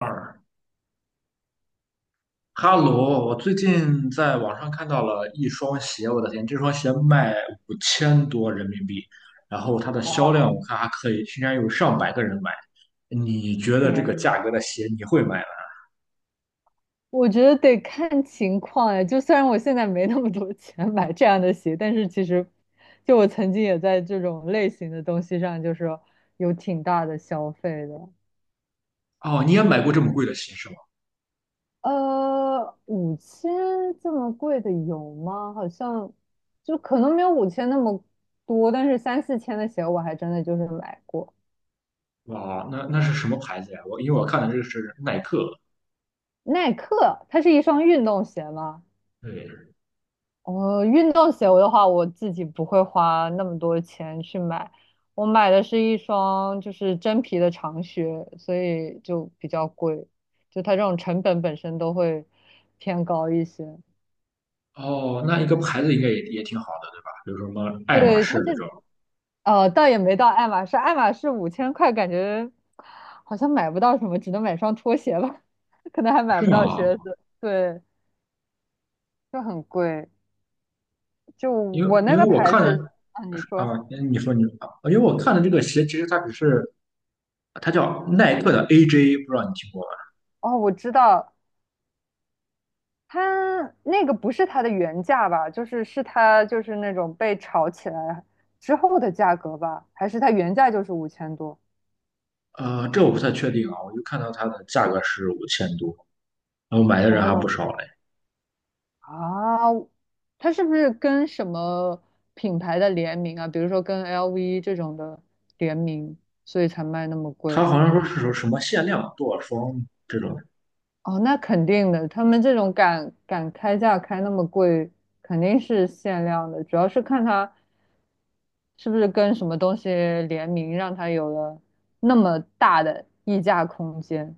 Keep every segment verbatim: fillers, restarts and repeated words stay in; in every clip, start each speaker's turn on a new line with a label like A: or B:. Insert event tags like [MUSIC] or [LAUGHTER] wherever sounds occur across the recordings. A: 二哈罗，我最近在网上看到了一双鞋，我的天，这双鞋卖五千多人民币，然后它的销量
B: 哦，
A: 我看还可以，竟然有上百个人买。你觉得
B: 天
A: 这个价
B: 呐，
A: 格的鞋你会买吗？
B: 我觉得得看情况哎，就虽然我现在没那么多钱买这样的鞋，但是其实，就我曾经也在这种类型的东西上，就是有挺大的消费的。
A: 哦，你也买过这么贵的鞋是吗？
B: 呃，五千这么贵的有吗？好像就可能没有五千那么多，但是三四千的鞋我还真的就是买过。
A: 哇，那那是什么牌子呀？我因为我看的这个是耐克。
B: 耐克，它是一双运动鞋吗？
A: 对，
B: 哦，运动鞋的话，我自己不会花那么多钱去买，我买的是一双就是真皮的长靴，所以就比较贵，就它这种成本本身都会偏高一些。
A: 哦，那一个牌子应该也也挺好的，对吧？比如说什么爱马
B: 对，
A: 仕
B: 它这
A: 这种，
B: 呃，倒也没到爱马仕，爱马仕五千块，感觉好像买不到什么，只能买双拖鞋吧，[LAUGHS] 可能还买
A: 是
B: 不
A: 吗？
B: 到靴子，对，就很贵。就
A: 因为
B: 我
A: 因
B: 那
A: 为
B: 个
A: 我
B: 牌
A: 看的
B: 子，啊，你
A: 啊，
B: 说，
A: 你说你啊，因为我看的这个鞋其实它只是。它叫耐克的 A J,不知道你听过吗？
B: 哦，我知道，它那个不是它的原价吧？就是是它就是那种被炒起来之后的价格吧？还是它原价就是五千多？
A: 呃，这我不太确定啊，我就看到它的价格是五千多，然后买的
B: 然
A: 人还不
B: 后
A: 少嘞。
B: 啊，它是不是跟什么品牌的联名啊？比如说跟 L V 这种的联名，所以才卖那么贵？
A: 它好像说是说什么限量多少双这种
B: 哦，那肯定的，他们这种敢敢开价开那么贵，肯定是限量的，主要是看它是不是跟什么东西联名，让它有了那么大的溢价空间。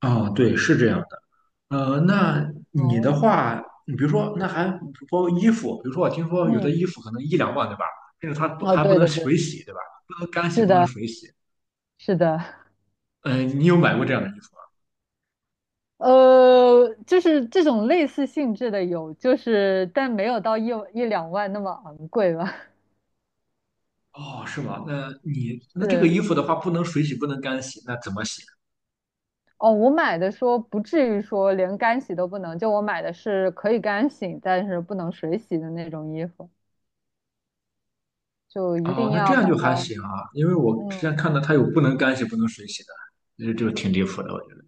A: 啊，对，是这样的。呃，那你的
B: 哦，
A: 话，你比如说，那还包括衣服，比如说我听说有的
B: 嗯，
A: 衣服可能一两万，对吧？甚至它不
B: 哦，
A: 还不
B: 对
A: 能
B: 对对，
A: 水洗，对吧？不能干洗，
B: 是
A: 不能
B: 的，
A: 水洗。
B: 是的，
A: 嗯、呃，你有买过这样的衣服吗？
B: 呃，就是这种类似性质的有，就是但没有到一一两万那么昂贵吧，
A: 哦，是吗？那你
B: [LAUGHS]
A: 那这个
B: 是。
A: 衣服的话，不能水洗，不能干洗，那怎么洗？
B: 哦，我买的说不至于说连干洗都不能，就我买的是可以干洗，但是不能水洗的那种衣服，就一
A: 哦，
B: 定
A: 那这
B: 要
A: 样
B: 把
A: 就还
B: 它，
A: 行啊，因为我之前
B: 嗯，
A: 看到它有不能干洗、不能水洗的，那就挺离谱的，我觉得。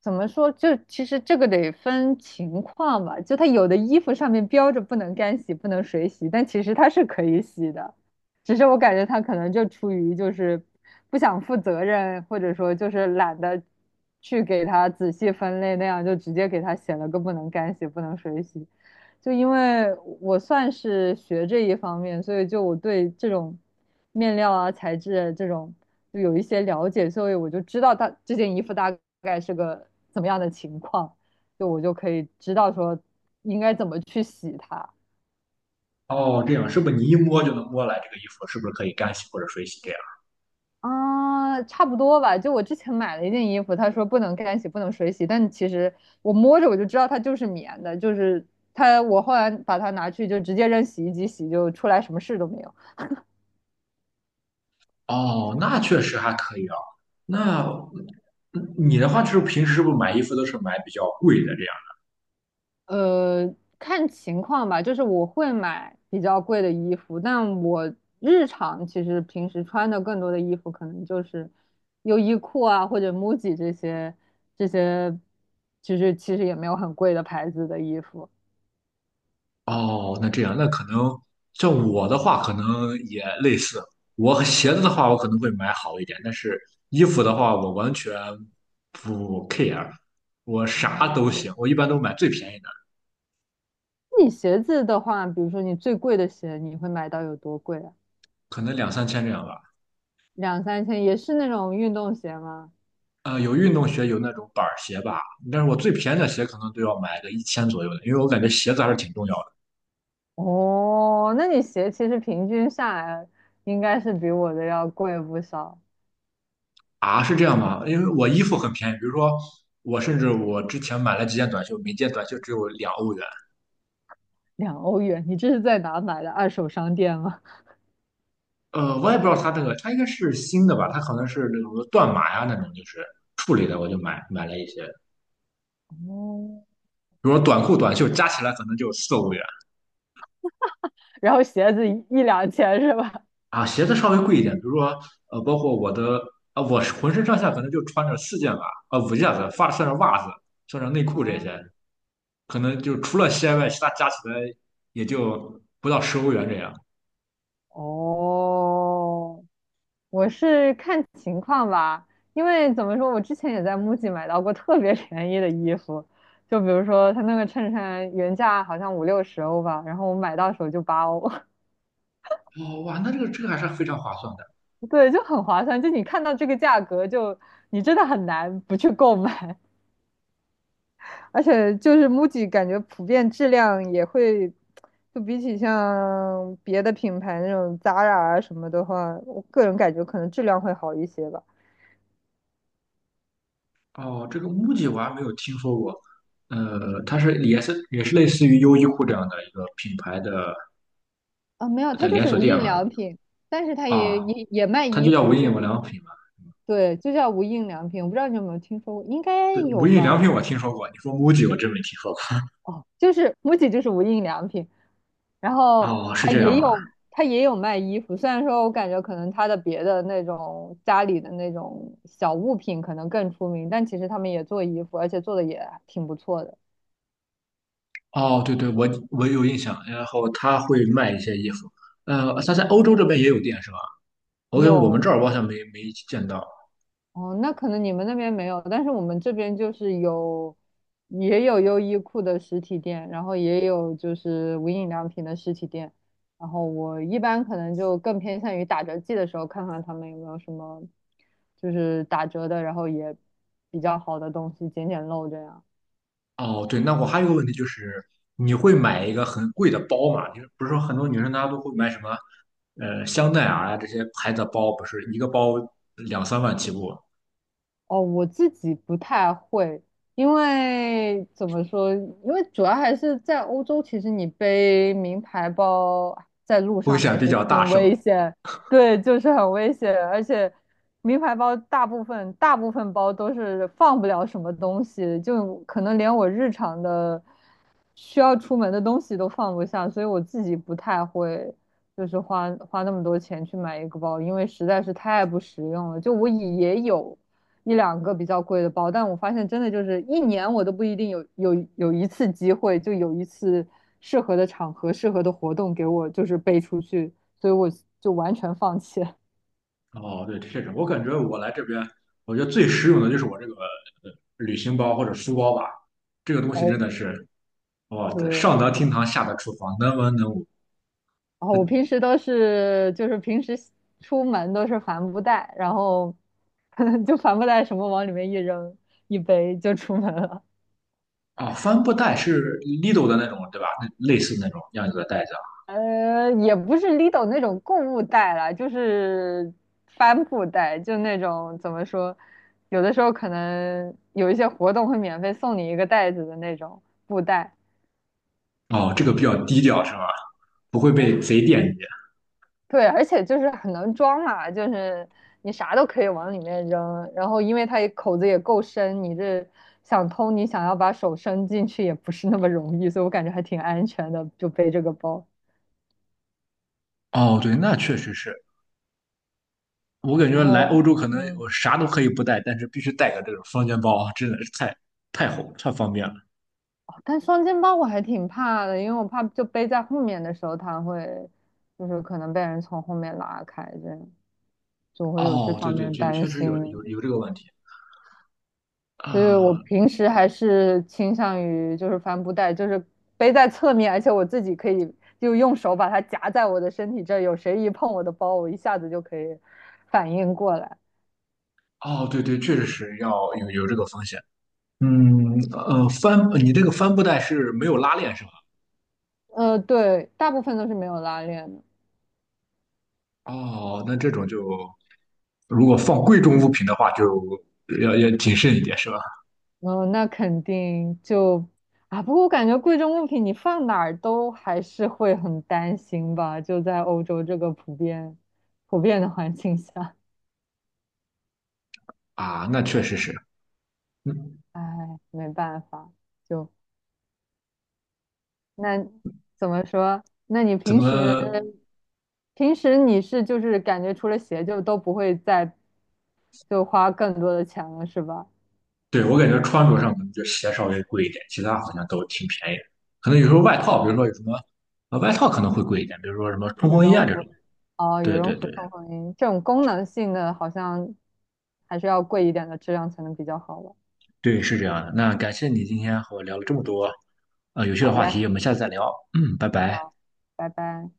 B: 怎么说？就其实这个得分情况吧，就它有的衣服上面标着不能干洗、不能水洗，但其实它是可以洗的，只是我感觉它可能就出于就是不想负责任，或者说就是懒得去给它仔细分类，那样就直接给它写了个不能干洗、不能水洗。就因为我算是学这一方面，所以就我对这种面料啊、材质啊这种就有一些了解，所以我就知道它这件衣服大概是个怎么样的情况，就我就可以知道说应该怎么去洗它。
A: 哦，这样是不是你一摸就能摸来这个衣服是不是可以干洗或者水洗这样？
B: 啊，差不多吧。就我之前买了一件衣服，他说不能干洗，不能水洗，但其实我摸着我就知道它就是棉的，就是它。我后来把它拿去就直接扔洗衣机洗，就出来什么事都没有。
A: 哦，那确实还可以啊。那嗯你的话就是平时是不是买衣服都是买比较贵的这样？
B: 呃，看情况吧，就是我会买比较贵的衣服，但我日常其实平时穿的更多的衣服可能就是优衣库啊或者 M U J I 这些这些，其实其实也没有很贵的牌子的衣服。
A: 哦，那这样那可能像我的话可能也类似，我和鞋子的话我可能会买好一点，但是衣服的话我完全不 care,我啥都
B: 哦，
A: 行，我一般都买最便宜的。
B: 你鞋子的话，比如说你最贵的鞋，你会买到有多贵啊？
A: 可能两三千这样吧。
B: 两三千，也是那种运动鞋吗？
A: 呃，有运动鞋，有那种板儿鞋吧，但是我最便宜的鞋可能都要买个一千左右的，因为我感觉鞋子还是挺重要的
B: 哦，那你鞋其实平均下来应该是比我的要贵不少。
A: 啊。是这样吗？因为我衣服很便宜，比如说我甚至我之前买了几件短袖，每件短袖只有两欧元。
B: 两欧元，你这是在哪买的二手商店吗？
A: 呃，我也不知道它这个，它应该是新的吧？它可能是那种断码呀那种，就是处理的，我就买买了一些，
B: 哦，
A: 比如说短裤、短袖加起来可能就四欧元。
B: [LAUGHS] 然后鞋子一一两千是吧？
A: 啊，鞋子稍微贵一点，比如说呃，包括我的啊，我是浑身上下可能就穿着四件吧，啊五件子，发算上袜子，算上内裤这
B: 啊，
A: 些，可能就除了鞋外，其他加起来也就不到十欧元
B: 是
A: 这样。
B: 哦，我是看情况吧，因为怎么说，我之前也在 M U J I 买到过特别便宜的衣服，就比如说他那个衬衫原价好像五六十欧吧，然后我买到手就八欧，
A: 哦，哇，那这个这个还是非常划算的。
B: [LAUGHS] 对，就很划算。就你看到这个价格就，就你真的很难不去购买。而且就是 M U J I 感觉普遍质量也会，就比起像别的品牌那种 Zara 啊什么的话，我个人感觉可能质量会好一些吧。
A: 哦，这个 MUJI 我还没有听说过，呃，它是也是也是类似于优衣库这样的一个品牌的
B: 啊，没有，
A: 的
B: 它就
A: 连
B: 是
A: 锁
B: 无
A: 店
B: 印
A: 嘛？
B: 良品，但是它
A: 啊，
B: 也也也卖
A: 它就
B: 衣
A: 叫无
B: 服，
A: 印
B: 就是
A: 良品嘛？
B: 对，就叫无印良品。我不知道你有没有听说过，应该
A: 对，无
B: 有
A: 印良
B: 吧？
A: 品我听说过，你说 MUJI 我真没听说过。
B: 哦，就是 M U J I 就是无印良品，然后
A: 哦，是
B: 他
A: 这样
B: 也
A: 吗？
B: 有他也有卖衣服，虽然说我感觉可能他的别的那种家里的那种小物品可能更出名，但其实他们也做衣服，而且做的也挺不错的。
A: 哦，对对，我我有印象。然后他会卖一些衣服，呃，他在
B: 这
A: 欧
B: 个
A: 洲这边也有店是吧？我感觉我们
B: 有
A: 这儿我好像没没见到。
B: 哦，那可能你们那边没有，但是我们这边就是有，也有优衣库的实体店，然后也有就是无印良品的实体店，然后我一般可能就更偏向于打折季的时候看看他们有没有什么就是打折的，然后也比较好的东西，捡捡漏这样。
A: 哦，对，那我还有个问题就是，你会买一个很贵的包吗？就是不是说很多女生她都会买什么，呃，香奈儿啊这些牌子的包，不是一个包两三万起步，
B: 哦，我自己不太会，因为怎么说？因为主要还是在欧洲，其实你背名牌包在路
A: 风
B: 上
A: 险
B: 还
A: 比
B: 是
A: 较大
B: 挺
A: 是吧？
B: 危险，对，就是很危险。而且名牌包大部分大部分包都是放不了什么东西，就可能连我日常的需要出门的东西都放不下，所以我自己不太会。就是花花那么多钱去买一个包，因为实在是太不实用了。就我也有。一两个比较贵的包，但我发现真的就是一年我都不一定有有有一次机会，就有一次适合的场合、适合的活动给我就是背出去，所以我就完全放弃了。
A: 哦，对，确实，我感觉我来这边，我觉得最实用的就是我这个呃旅行包或者书包吧，这个东西
B: 哦，
A: 真的是。哦，对，
B: 对，
A: 上
B: 然
A: 得厅堂，下得厨房，能文能武。
B: 后我平时都是就是平时出门都是帆布袋，然后 [LAUGHS] 就帆布袋什么往里面一扔，一背就出门了。
A: 哦，帆布袋是 Lidl 的那种，对吧？那类似那种样子的袋子
B: 呃，也不是 Lido 那种购物袋啦，就是帆布袋，就那种怎么说，有的时候可能有一些活动会免费送你一个袋子的那种布袋。
A: 啊。哦，这个比较低调是吧？不会被贼惦记。
B: 对，而且就是很能装嘛，就是你啥都可以往里面扔，然后因为它也口子也够深，你这想偷你想要把手伸进去也不是那么容易，所以我感觉还挺安全的，就背这个包。
A: 哦，对，那确实是。我感
B: 然
A: 觉来
B: 后，
A: 欧洲可能
B: 嗯。
A: 我啥都可以不带，但是必须带个这种双肩包啊，真的是太太好太方便了。
B: 哦，但双肩包我还挺怕的，因为我怕就背在后面的时候，它会就是可能被人从后面拉开，这样就会有这
A: 哦，对
B: 方
A: 对
B: 面的
A: 对，
B: 担
A: 确实有
B: 心。
A: 有有这个问题。
B: 所以我
A: 啊、
B: 平时还是倾向于就是帆布袋，就是背在侧面，而且我自己可以就用手把它夹在我的身体这儿，有谁一碰我的包，我一下子就可以反应过来。
A: 哦，对对，确实是要有有这个风险。嗯，呃，帆，你这个帆布袋是没有拉链是吧？
B: 呃，对，大部分都是没有拉链的。
A: 哦，那这种就如果放贵重物品的话，就要要谨慎一点，是吧？
B: 哦，那肯定就啊，不过我感觉贵重物品你放哪儿都还是会很担心吧，就在欧洲这个普遍普遍的环境下，
A: 啊，那确实是。嗯，
B: 唉，没办法，就那怎么说？那你
A: 怎
B: 平时
A: 么？
B: 平时你是就是感觉除了鞋就都不会再就花更多的钱了是吧？
A: 对我感觉穿着上可能就鞋稍微贵一点，其他好像都挺便宜的。可能有时候外套，比如说有什么呃外套可能会贵一点，比如说什么
B: 羽
A: 冲锋衣啊
B: 绒
A: 这
B: 服
A: 种。
B: 哦，羽
A: 对
B: 绒
A: 对
B: 服、
A: 对
B: 冲锋衣这种功能性的好像还是要贵一点的质量才能比较好吧。
A: 对，是这样的。那感谢你今天和我聊了这么多呃有趣的
B: 好
A: 话
B: 嘞。
A: 题，我们下次再聊。嗯，拜拜。
B: 好，拜拜。